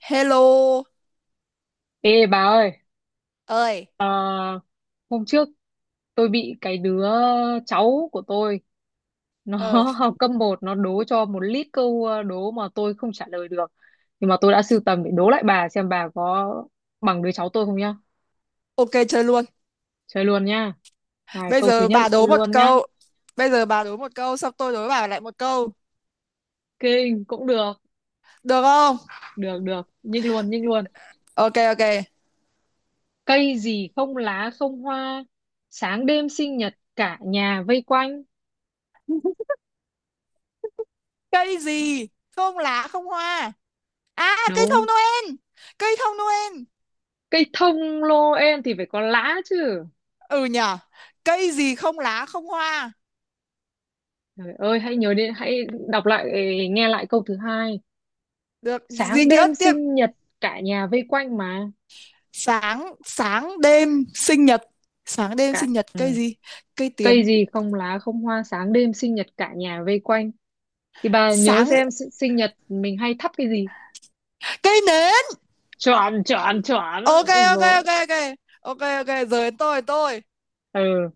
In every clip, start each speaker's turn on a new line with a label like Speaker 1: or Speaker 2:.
Speaker 1: Hello
Speaker 2: Ê bà ơi,
Speaker 1: ơi,
Speaker 2: ờ, hôm trước tôi bị cái đứa cháu của tôi nó
Speaker 1: ờ
Speaker 2: học cấp một, nó đố cho một lít câu, đố mà tôi không trả lời được. Nhưng mà tôi đã sưu tầm để đố lại bà, xem bà có bằng đứa cháu tôi không nhá.
Speaker 1: ok chơi luôn.
Speaker 2: Chơi luôn nhá. Này,
Speaker 1: Bây
Speaker 2: câu thứ
Speaker 1: giờ
Speaker 2: nhất
Speaker 1: bà đố một
Speaker 2: luôn nhá.
Speaker 1: câu. Xong tôi đố bà lại một câu.
Speaker 2: Kinh cũng được,
Speaker 1: Được không?
Speaker 2: được được, nhích luôn, nhích luôn.
Speaker 1: Ok ok.
Speaker 2: Cây gì không lá không hoa, sáng đêm sinh nhật cả nhà vây quanh.
Speaker 1: Cây gì? Không lá không hoa. À cây thông
Speaker 2: Đúng,
Speaker 1: Noel. Cây thông Noel.
Speaker 2: cây thông lô em thì phải có lá chứ.
Speaker 1: Ừ nhở. Cây gì không lá không hoa.
Speaker 2: Trời ơi, hãy nhớ đến, hãy đọc lại, nghe lại câu thứ hai.
Speaker 1: Được, gì
Speaker 2: Sáng
Speaker 1: tiếp
Speaker 2: đêm
Speaker 1: tiếp.
Speaker 2: sinh nhật, cả nhà vây quanh mà.
Speaker 1: Sáng sáng đêm sinh nhật. Sáng đêm
Speaker 2: Cả,
Speaker 1: sinh nhật
Speaker 2: ừ.
Speaker 1: cây gì? Cây tiền.
Speaker 2: Cây gì không lá không hoa, sáng đêm sinh nhật cả nhà vây quanh. Thì bà nhớ
Speaker 1: Sáng
Speaker 2: xem sinh nhật mình hay thắp cái gì.
Speaker 1: cây nến.
Speaker 2: Chọn, chọn, chọn.
Speaker 1: Ok
Speaker 2: Ôi
Speaker 1: ok
Speaker 2: dồi,
Speaker 1: ok ok. Ok ok, giờ đến tôi.
Speaker 2: ừ,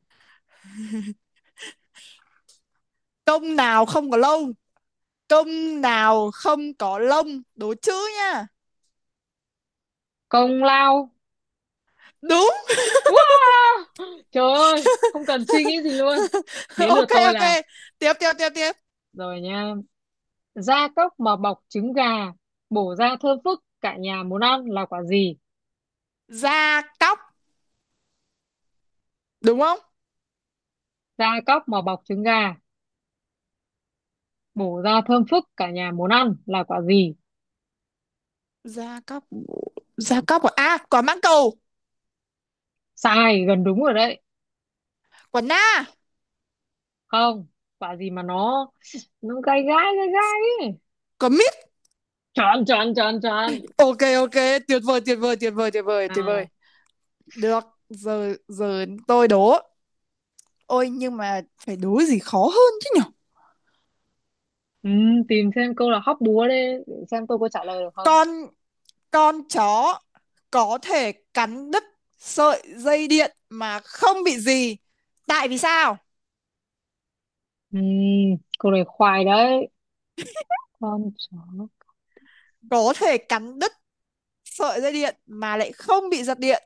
Speaker 1: Công nào không có lông? Công nào không có lông? Đố chữ nha.
Speaker 2: công lao.
Speaker 1: Đúng.
Speaker 2: Wow! Trời ơi, không cần suy nghĩ gì luôn. Đến lượt
Speaker 1: Ok
Speaker 2: tôi
Speaker 1: ok.
Speaker 2: là,
Speaker 1: Tiếp tiếp tiếp tiếp.
Speaker 2: rồi nha. Da cốc mà bọc trứng gà, bổ ra thơm phức, cả nhà muốn ăn là quả gì?
Speaker 1: Da cóc, đúng không?
Speaker 2: Gia cóc mà bọc trứng gà, bổ ra thơm phức, cả nhà muốn ăn là quả gì.
Speaker 1: Da cóc. Da cóc à? À, quả mãng cầu,
Speaker 2: Sai gần đúng rồi đấy.
Speaker 1: quả na,
Speaker 2: Không, quả gì mà nó gai gai gai gai ấy.
Speaker 1: quả mít.
Speaker 2: Chọn chọn chọn chọn
Speaker 1: Ok ok, tuyệt vời tuyệt vời tuyệt vời tuyệt vời tuyệt vời.
Speaker 2: nào.
Speaker 1: Được, giờ giờ tôi đố. Ôi nhưng mà phải đố gì khó hơn chứ nhỉ.
Speaker 2: Ừ, tìm xem câu là hóc búa đấy, để xem tôi có trả lời được không.
Speaker 1: Con Con chó có thể cắn đứt sợi dây điện mà không bị gì. Tại vì sao?
Speaker 2: Ừ, câu này khoai đấy. Con chó.
Speaker 1: Có thể cắn đứt sợi dây điện mà lại không bị giật điện.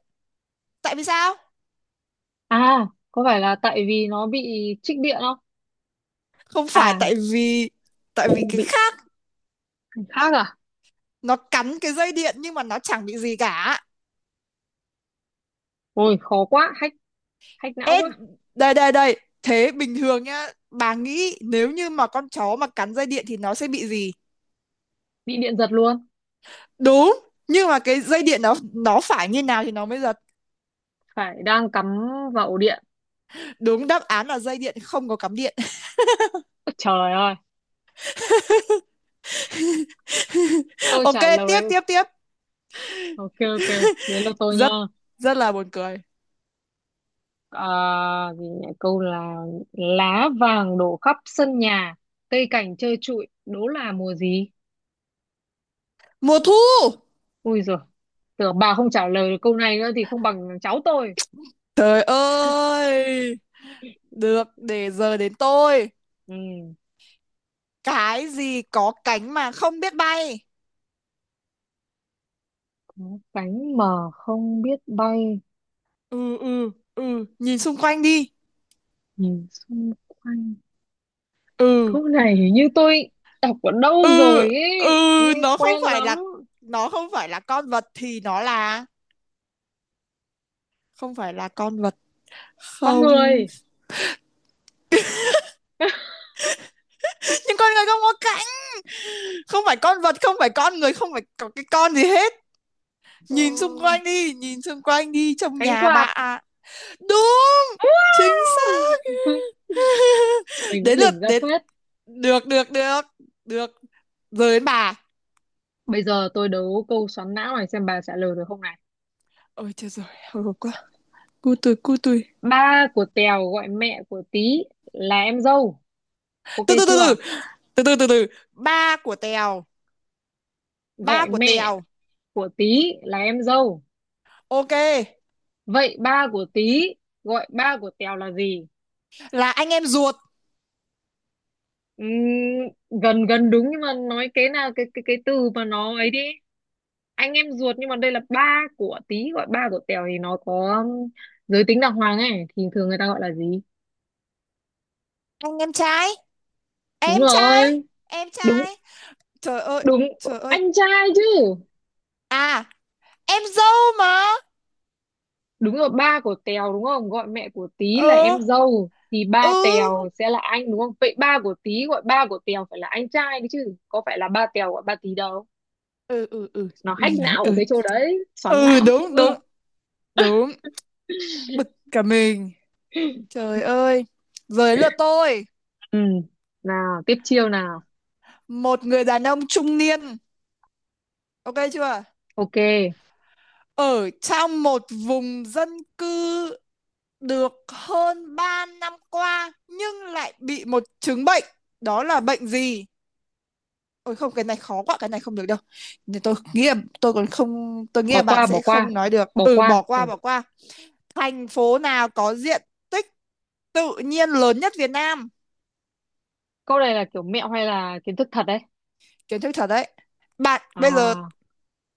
Speaker 1: Tại vì sao?
Speaker 2: À, có phải là tại vì nó bị trích điện không?
Speaker 1: Không phải
Speaker 2: À,
Speaker 1: tại vì cái
Speaker 2: bị
Speaker 1: khác,
Speaker 2: khác à?
Speaker 1: nó cắn cái dây điện nhưng mà chẳng bị gì cả.
Speaker 2: Ôi khó quá, hack hack não
Speaker 1: Ê,
Speaker 2: quá.
Speaker 1: đây đây đây, thế bình thường nhá, bà nghĩ nếu như mà con chó mà cắn dây điện thì nó sẽ bị gì?
Speaker 2: Bị điện giật luôn.
Speaker 1: Đúng, nhưng mà cái dây điện nó phải như nào thì nó mới giật.
Speaker 2: Phải đang cắm vào ổ điện.
Speaker 1: Đúng, đáp án là dây điện không có cắm điện.
Speaker 2: Ôi, trời ơi, câu
Speaker 1: Ok,
Speaker 2: trả
Speaker 1: tiếp
Speaker 2: lời.
Speaker 1: tiếp tiếp.
Speaker 2: Ok ok, đến lượt tôi nha.
Speaker 1: Rất rất là buồn cười.
Speaker 2: À, gì nhỉ? Câu là lá vàng đổ khắp sân nhà, cây cảnh trơ trụi, đố là mùa gì.
Speaker 1: Mùa thu.
Speaker 2: Ui rồi, tưởng bà không trả lời được câu này nữa thì không bằng cháu tôi.
Speaker 1: Trời ơi, được, để giờ đến tôi.
Speaker 2: Ừ.
Speaker 1: Cái gì có cánh mà không biết bay?
Speaker 2: Có cánh mà không biết bay.
Speaker 1: Ừ Nhìn xung quanh đi.
Speaker 2: Nhìn xung quanh.
Speaker 1: ừ
Speaker 2: Câu này hình như tôi đọc ở đâu
Speaker 1: ừ
Speaker 2: rồi
Speaker 1: ừ
Speaker 2: ấy, nghe
Speaker 1: nó không
Speaker 2: quen
Speaker 1: phải
Speaker 2: lắm.
Speaker 1: là, không phải là con vật thì nó là, không phải là con vật,
Speaker 2: Con
Speaker 1: không.
Speaker 2: người.
Speaker 1: Nhưng con người không có cánh. Không phải con vật, không phải con người, không phải có cái con gì hết.
Speaker 2: Ờ,
Speaker 1: Nhìn xung quanh đi, nhìn xung quanh đi, trong
Speaker 2: cánh
Speaker 1: nhà bà
Speaker 2: quạt.
Speaker 1: ạ. Đúng, chính xác.
Speaker 2: Mình cũng
Speaker 1: Đến lượt,
Speaker 2: đỉnh ra
Speaker 1: đến.
Speaker 2: phết.
Speaker 1: Được được được được, rồi đến bà.
Speaker 2: Bây giờ tôi đấu câu xoắn não này, xem bà trả lời được không này.
Speaker 1: Ôi trời rồi, hồi hộp quá. Cu tui, cu tui.
Speaker 2: Ba của Tèo gọi mẹ của Tí là em dâu, ok
Speaker 1: từ từ từ từ
Speaker 2: chưa?
Speaker 1: từ từ từ từ Ba của Tèo. Ba
Speaker 2: Gọi
Speaker 1: của
Speaker 2: mẹ
Speaker 1: Tèo.
Speaker 2: của Tí là em dâu,
Speaker 1: Ok.
Speaker 2: vậy ba của Tí gọi ba của Tèo là gì?
Speaker 1: Là anh em ruột.
Speaker 2: Ừm, Gần gần đúng, nhưng mà nói cái nào, cái từ mà nó ấy đi. Anh em ruột, nhưng mà đây là ba của Tí gọi ba của Tèo thì nó có giới tính đàng hoàng ấy, thì thường người ta gọi là gì.
Speaker 1: Anh em trai,
Speaker 2: Đúng
Speaker 1: em trai,
Speaker 2: rồi,
Speaker 1: em
Speaker 2: đúng
Speaker 1: trai. Trời ơi,
Speaker 2: đúng,
Speaker 1: trời ơi.
Speaker 2: anh trai chứ.
Speaker 1: À, em dâu mà.
Speaker 2: Đúng rồi, ba của Tèo đúng không? Gọi mẹ của Tí là
Speaker 1: ừ
Speaker 2: em dâu thì
Speaker 1: ừ
Speaker 2: ba Tèo sẽ là anh đúng không? Vậy ba của Tí gọi ba của Tèo phải là anh trai đấy chứ, có phải là ba Tèo gọi ba Tí đâu.
Speaker 1: ừ ừ ừ
Speaker 2: Nó
Speaker 1: ừ
Speaker 2: hack não của
Speaker 1: ừ
Speaker 2: cái chỗ đấy, xoắn
Speaker 1: ừ
Speaker 2: não
Speaker 1: Đúng đúng,
Speaker 2: chưa?
Speaker 1: đúng. Bực cả mình. Trời ơi, giờ đến lượt tôi.
Speaker 2: Ừ. Nào, tiếp chiêu nào.
Speaker 1: Một người đàn ông trung niên, ok chưa,
Speaker 2: Ok,
Speaker 1: ở trong một vùng dân cư được hơn 3 năm qua nhưng lại bị một chứng bệnh, đó là bệnh gì? Ôi không, cái này khó quá, cái này không được đâu. Nhưng tôi nghĩ là, tôi còn không, tôi nghĩ
Speaker 2: bỏ
Speaker 1: là bạn
Speaker 2: qua bỏ
Speaker 1: sẽ
Speaker 2: qua.
Speaker 1: không nói được.
Speaker 2: Bỏ
Speaker 1: Ừ,
Speaker 2: qua.
Speaker 1: bỏ qua,
Speaker 2: Ừ.
Speaker 1: bỏ qua. Thành phố nào có diện tích tự nhiên lớn nhất Việt Nam?
Speaker 2: Câu này là kiểu mẹo hay là kiến thức thật đấy?
Speaker 1: Kiến thức thật đấy. Bạn bây giờ,
Speaker 2: À,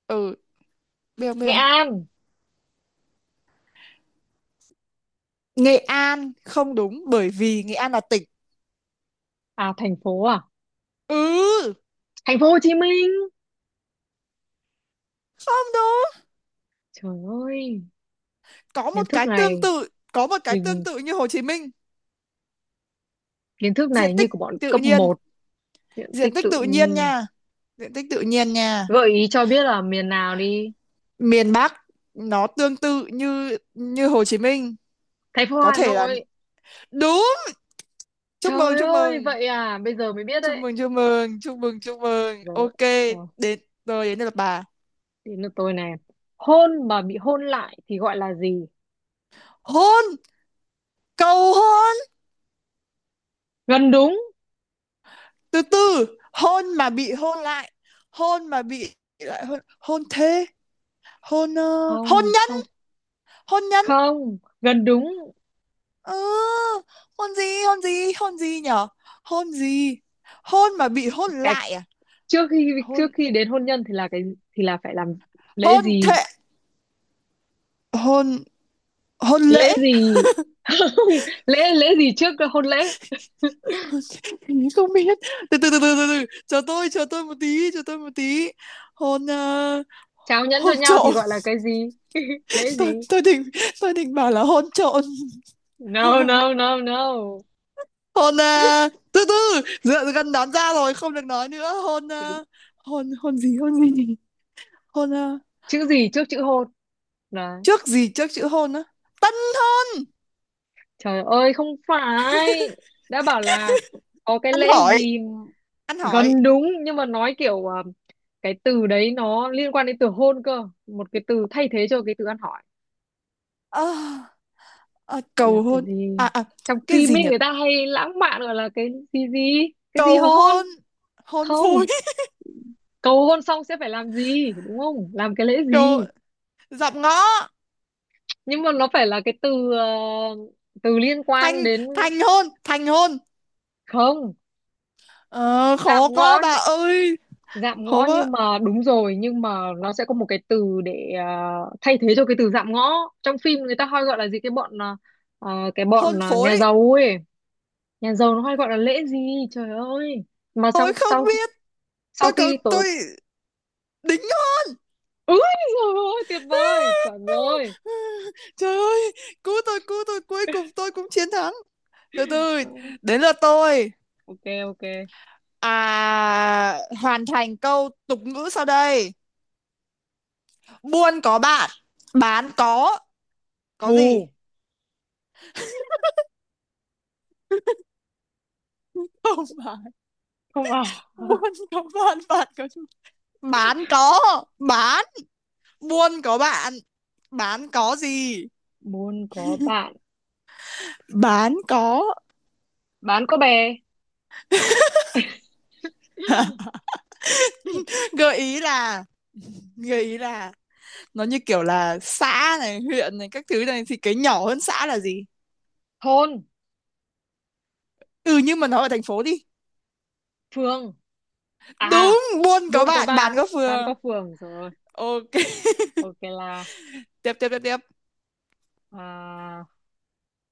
Speaker 1: ừ, biết không, biết
Speaker 2: Nghệ
Speaker 1: không?
Speaker 2: An.
Speaker 1: Nghệ An không đúng bởi vì Nghệ An là tỉnh.
Speaker 2: À?
Speaker 1: Ừ,
Speaker 2: Thành phố Hồ Chí Minh.
Speaker 1: không đúng.
Speaker 2: Trời ơi,
Speaker 1: Có
Speaker 2: kiến
Speaker 1: một
Speaker 2: thức
Speaker 1: cái tương
Speaker 2: này.
Speaker 1: tự, có một cái tương
Speaker 2: Mình
Speaker 1: tự như Hồ Chí Minh.
Speaker 2: kiến thức
Speaker 1: Diện
Speaker 2: này như
Speaker 1: tích
Speaker 2: của bọn
Speaker 1: tự
Speaker 2: cấp
Speaker 1: nhiên,
Speaker 2: một. Diện
Speaker 1: diện
Speaker 2: tích
Speaker 1: tích
Speaker 2: tự
Speaker 1: tự nhiên
Speaker 2: nhiên.
Speaker 1: nha. Diện tích tự nhiên nha.
Speaker 2: Gợi ý cho biết là miền nào đi.
Speaker 1: Miền Bắc, nó tương tự như như Hồ Chí Minh.
Speaker 2: Thành phố
Speaker 1: Có
Speaker 2: Hà
Speaker 1: thể là.
Speaker 2: Nội.
Speaker 1: Đúng, chúc mừng
Speaker 2: Trời
Speaker 1: chúc
Speaker 2: ơi,
Speaker 1: mừng
Speaker 2: vậy à, bây giờ mới biết
Speaker 1: chúc
Speaker 2: đấy.
Speaker 1: mừng chúc mừng chúc mừng chúc mừng.
Speaker 2: Rồi,
Speaker 1: Ok,
Speaker 2: rồi,
Speaker 1: đến, rồi đến lượt bà.
Speaker 2: đến lượt tôi này. Hôn mà bị hôn lại thì gọi là gì?
Speaker 1: Hôn, cầu hôn.
Speaker 2: Gần đúng.
Speaker 1: Từ từ. Hôn mà bị hôn lại. Hôn mà bị lại hôn, hôn thế. Hôn hôn
Speaker 2: Không,
Speaker 1: nhân.
Speaker 2: không,
Speaker 1: Hôn nhân.
Speaker 2: không. Gần đúng.
Speaker 1: Ừ, hôn gì hôn gì hôn gì nhở? Hôn gì? Hôn mà bị hôn
Speaker 2: Cái
Speaker 1: lại à?
Speaker 2: trước khi trước
Speaker 1: Hôn,
Speaker 2: khi đến hôn nhân thì là thì là phải làm lễ
Speaker 1: hôn
Speaker 2: gì?
Speaker 1: thế, hôn, hôn lễ.
Speaker 2: Lễ gì? Không, lễ lễ gì trước hôn lễ?
Speaker 1: Mình không biết. Từ từ từ từ từ từ, chờ tôi một tí, chờ tôi một tí. Hôn ờ,
Speaker 2: Trao nhẫn cho
Speaker 1: hôn
Speaker 2: nhau thì
Speaker 1: trộm.
Speaker 2: gọi là cái gì? Lễ
Speaker 1: Tôi
Speaker 2: gì?
Speaker 1: tôi định, tôi định bảo là hôn trộn.
Speaker 2: No no no no.
Speaker 1: Từ từ, dựa gần đoán ra rồi, không được nói nữa. Hôn hôn gì hôn gì? Hôn ờ,
Speaker 2: Chữ gì trước chữ hôn là.
Speaker 1: trước gì trước chữ hôn á? Tân thôi,
Speaker 2: Trời ơi không phải, đã bảo là có cái
Speaker 1: ăn
Speaker 2: lễ
Speaker 1: hỏi,
Speaker 2: gì.
Speaker 1: ăn hỏi.
Speaker 2: Gần đúng, nhưng mà nói kiểu, cái từ đấy nó liên quan đến từ hôn cơ, một cái từ thay thế cho cái từ ăn hỏi
Speaker 1: Ờ, ờ,
Speaker 2: gọi là
Speaker 1: cầu
Speaker 2: cái
Speaker 1: hôn.
Speaker 2: gì.
Speaker 1: À à,
Speaker 2: Trong
Speaker 1: cái
Speaker 2: phim
Speaker 1: gì
Speaker 2: ấy
Speaker 1: nhỉ?
Speaker 2: người ta hay lãng mạn gọi là cái gì gì cái gì
Speaker 1: Cầu
Speaker 2: hôn.
Speaker 1: hôn, hôn
Speaker 2: Không,
Speaker 1: phối.
Speaker 2: cầu hôn xong sẽ phải làm gì đúng không, làm cái lễ gì.
Speaker 1: Cầu, dạm ngõ,
Speaker 2: Nhưng mà nó phải là cái từ, từ liên quan
Speaker 1: thành,
Speaker 2: đến.
Speaker 1: thành hôn, thành hôn.
Speaker 2: Không.
Speaker 1: Ờ,
Speaker 2: Dạm
Speaker 1: khó quá
Speaker 2: ngõ.
Speaker 1: bà ơi,
Speaker 2: Dạm
Speaker 1: khó
Speaker 2: ngõ
Speaker 1: quá.
Speaker 2: nhưng mà đúng rồi, nhưng mà nó sẽ có một cái từ để, thay thế cho cái từ dạm ngõ. Trong phim người ta hay gọi là gì, cái bọn à, à, cái
Speaker 1: Hôn
Speaker 2: bọn à,
Speaker 1: phối,
Speaker 2: nhà giàu ấy. Nhà giàu nó hay gọi là lễ gì. Trời ơi, mà
Speaker 1: tôi
Speaker 2: xong
Speaker 1: không
Speaker 2: sau
Speaker 1: biết,
Speaker 2: sau
Speaker 1: tôi cầu
Speaker 2: khi tổ.
Speaker 1: tôi, đính hôn.
Speaker 2: Ui trời ơi, tuyệt vời, chuẩn rồi.
Speaker 1: Trời ơi, cứu tôi cứu tôi, cuối cùng tôi cũng chiến thắng. Từ từ,
Speaker 2: Ừ,
Speaker 1: đến lượt tôi.
Speaker 2: ok ok.
Speaker 1: À, hoàn thành câu tục ngữ sau đây: buôn có bạn, bán có gì?
Speaker 2: Thù.
Speaker 1: Không phải.
Speaker 2: Không à?
Speaker 1: Buôn có bạn, bạn có gì? Bán có, bán. Buôn có bạn, bán có gì?
Speaker 2: Buôn có bạn,
Speaker 1: Bán có.
Speaker 2: bán có bè.
Speaker 1: Gợi ý là, gợi ý là nó như kiểu là xã này, huyện này các thứ này thì cái nhỏ hơn xã là gì?
Speaker 2: Thôn.
Speaker 1: Ừ nhưng mà nó ở thành phố đi.
Speaker 2: Phường, à.
Speaker 1: Đúng, buôn
Speaker 2: Buôn
Speaker 1: có
Speaker 2: có
Speaker 1: bạn, bán
Speaker 2: bạn,
Speaker 1: có
Speaker 2: bán
Speaker 1: phường.
Speaker 2: có phường rồi.
Speaker 1: Ok.
Speaker 2: Ok là.
Speaker 1: Tiếp tiếp tiếp tiếp.
Speaker 2: À,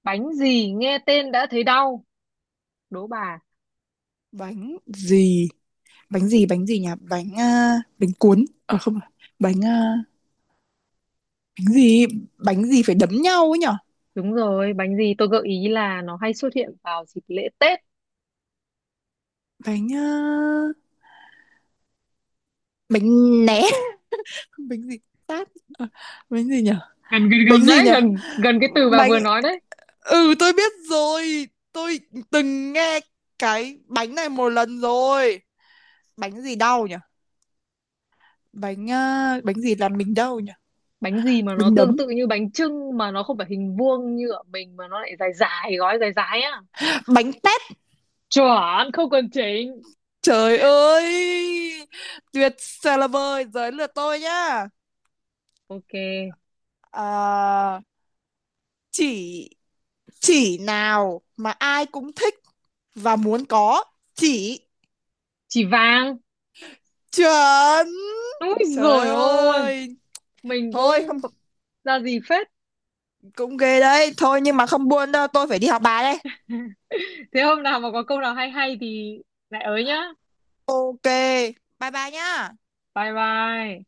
Speaker 2: bánh gì nghe tên đã thấy đau, đố bà.
Speaker 1: Bánh gì? Bánh gì? Bánh gì nhỉ? Bánh cuốn. Ờ à, không phải. Bánh à, bánh gì? Bánh gì phải đấm nhau ấy nhỉ?
Speaker 2: Đúng rồi, bánh gì, tôi gợi ý là nó hay xuất hiện vào dịp lễ Tết.
Speaker 1: Bánh à, bánh né. Bánh gì? Tát. Ờ, bánh gì nhỉ?
Speaker 2: Gần gần
Speaker 1: Bánh
Speaker 2: gần
Speaker 1: gì
Speaker 2: đấy,
Speaker 1: nhỉ?
Speaker 2: gần gần cái từ bà
Speaker 1: Bánh,
Speaker 2: vừa nói đấy.
Speaker 1: ừ tôi biết rồi, tôi từng nghe cái bánh này một lần rồi. Bánh gì đau nhỉ? Bánh gì làm mình đau nhỉ?
Speaker 2: Bánh gì mà nó
Speaker 1: Bánh
Speaker 2: tương
Speaker 1: đấm,
Speaker 2: tự như bánh chưng mà nó không phải hình vuông như ở mình, mà nó lại dài dài, gói dài dài á.
Speaker 1: bánh tét.
Speaker 2: Chuẩn không cần chỉnh.
Speaker 1: Trời ơi, tuyệt vời là vời, giới lượt tôi nhá.
Speaker 2: Ok.
Speaker 1: Ờ, chỉ chỉ nào mà ai cũng thích và muốn có? Chỉ.
Speaker 2: Chỉ vàng.
Speaker 1: Chuẩn,
Speaker 2: Úi
Speaker 1: trời
Speaker 2: rồi, ôi
Speaker 1: ơi.
Speaker 2: mình
Speaker 1: Thôi
Speaker 2: cũng
Speaker 1: không,
Speaker 2: ra gì phết.
Speaker 1: cũng ghê đấy thôi, nhưng mà không buồn đâu, tôi phải đi học bài đây.
Speaker 2: Thế hôm nào mà có câu nào hay hay thì lại ới nhá.
Speaker 1: Ok, bye bye nhá.
Speaker 2: Bye bye.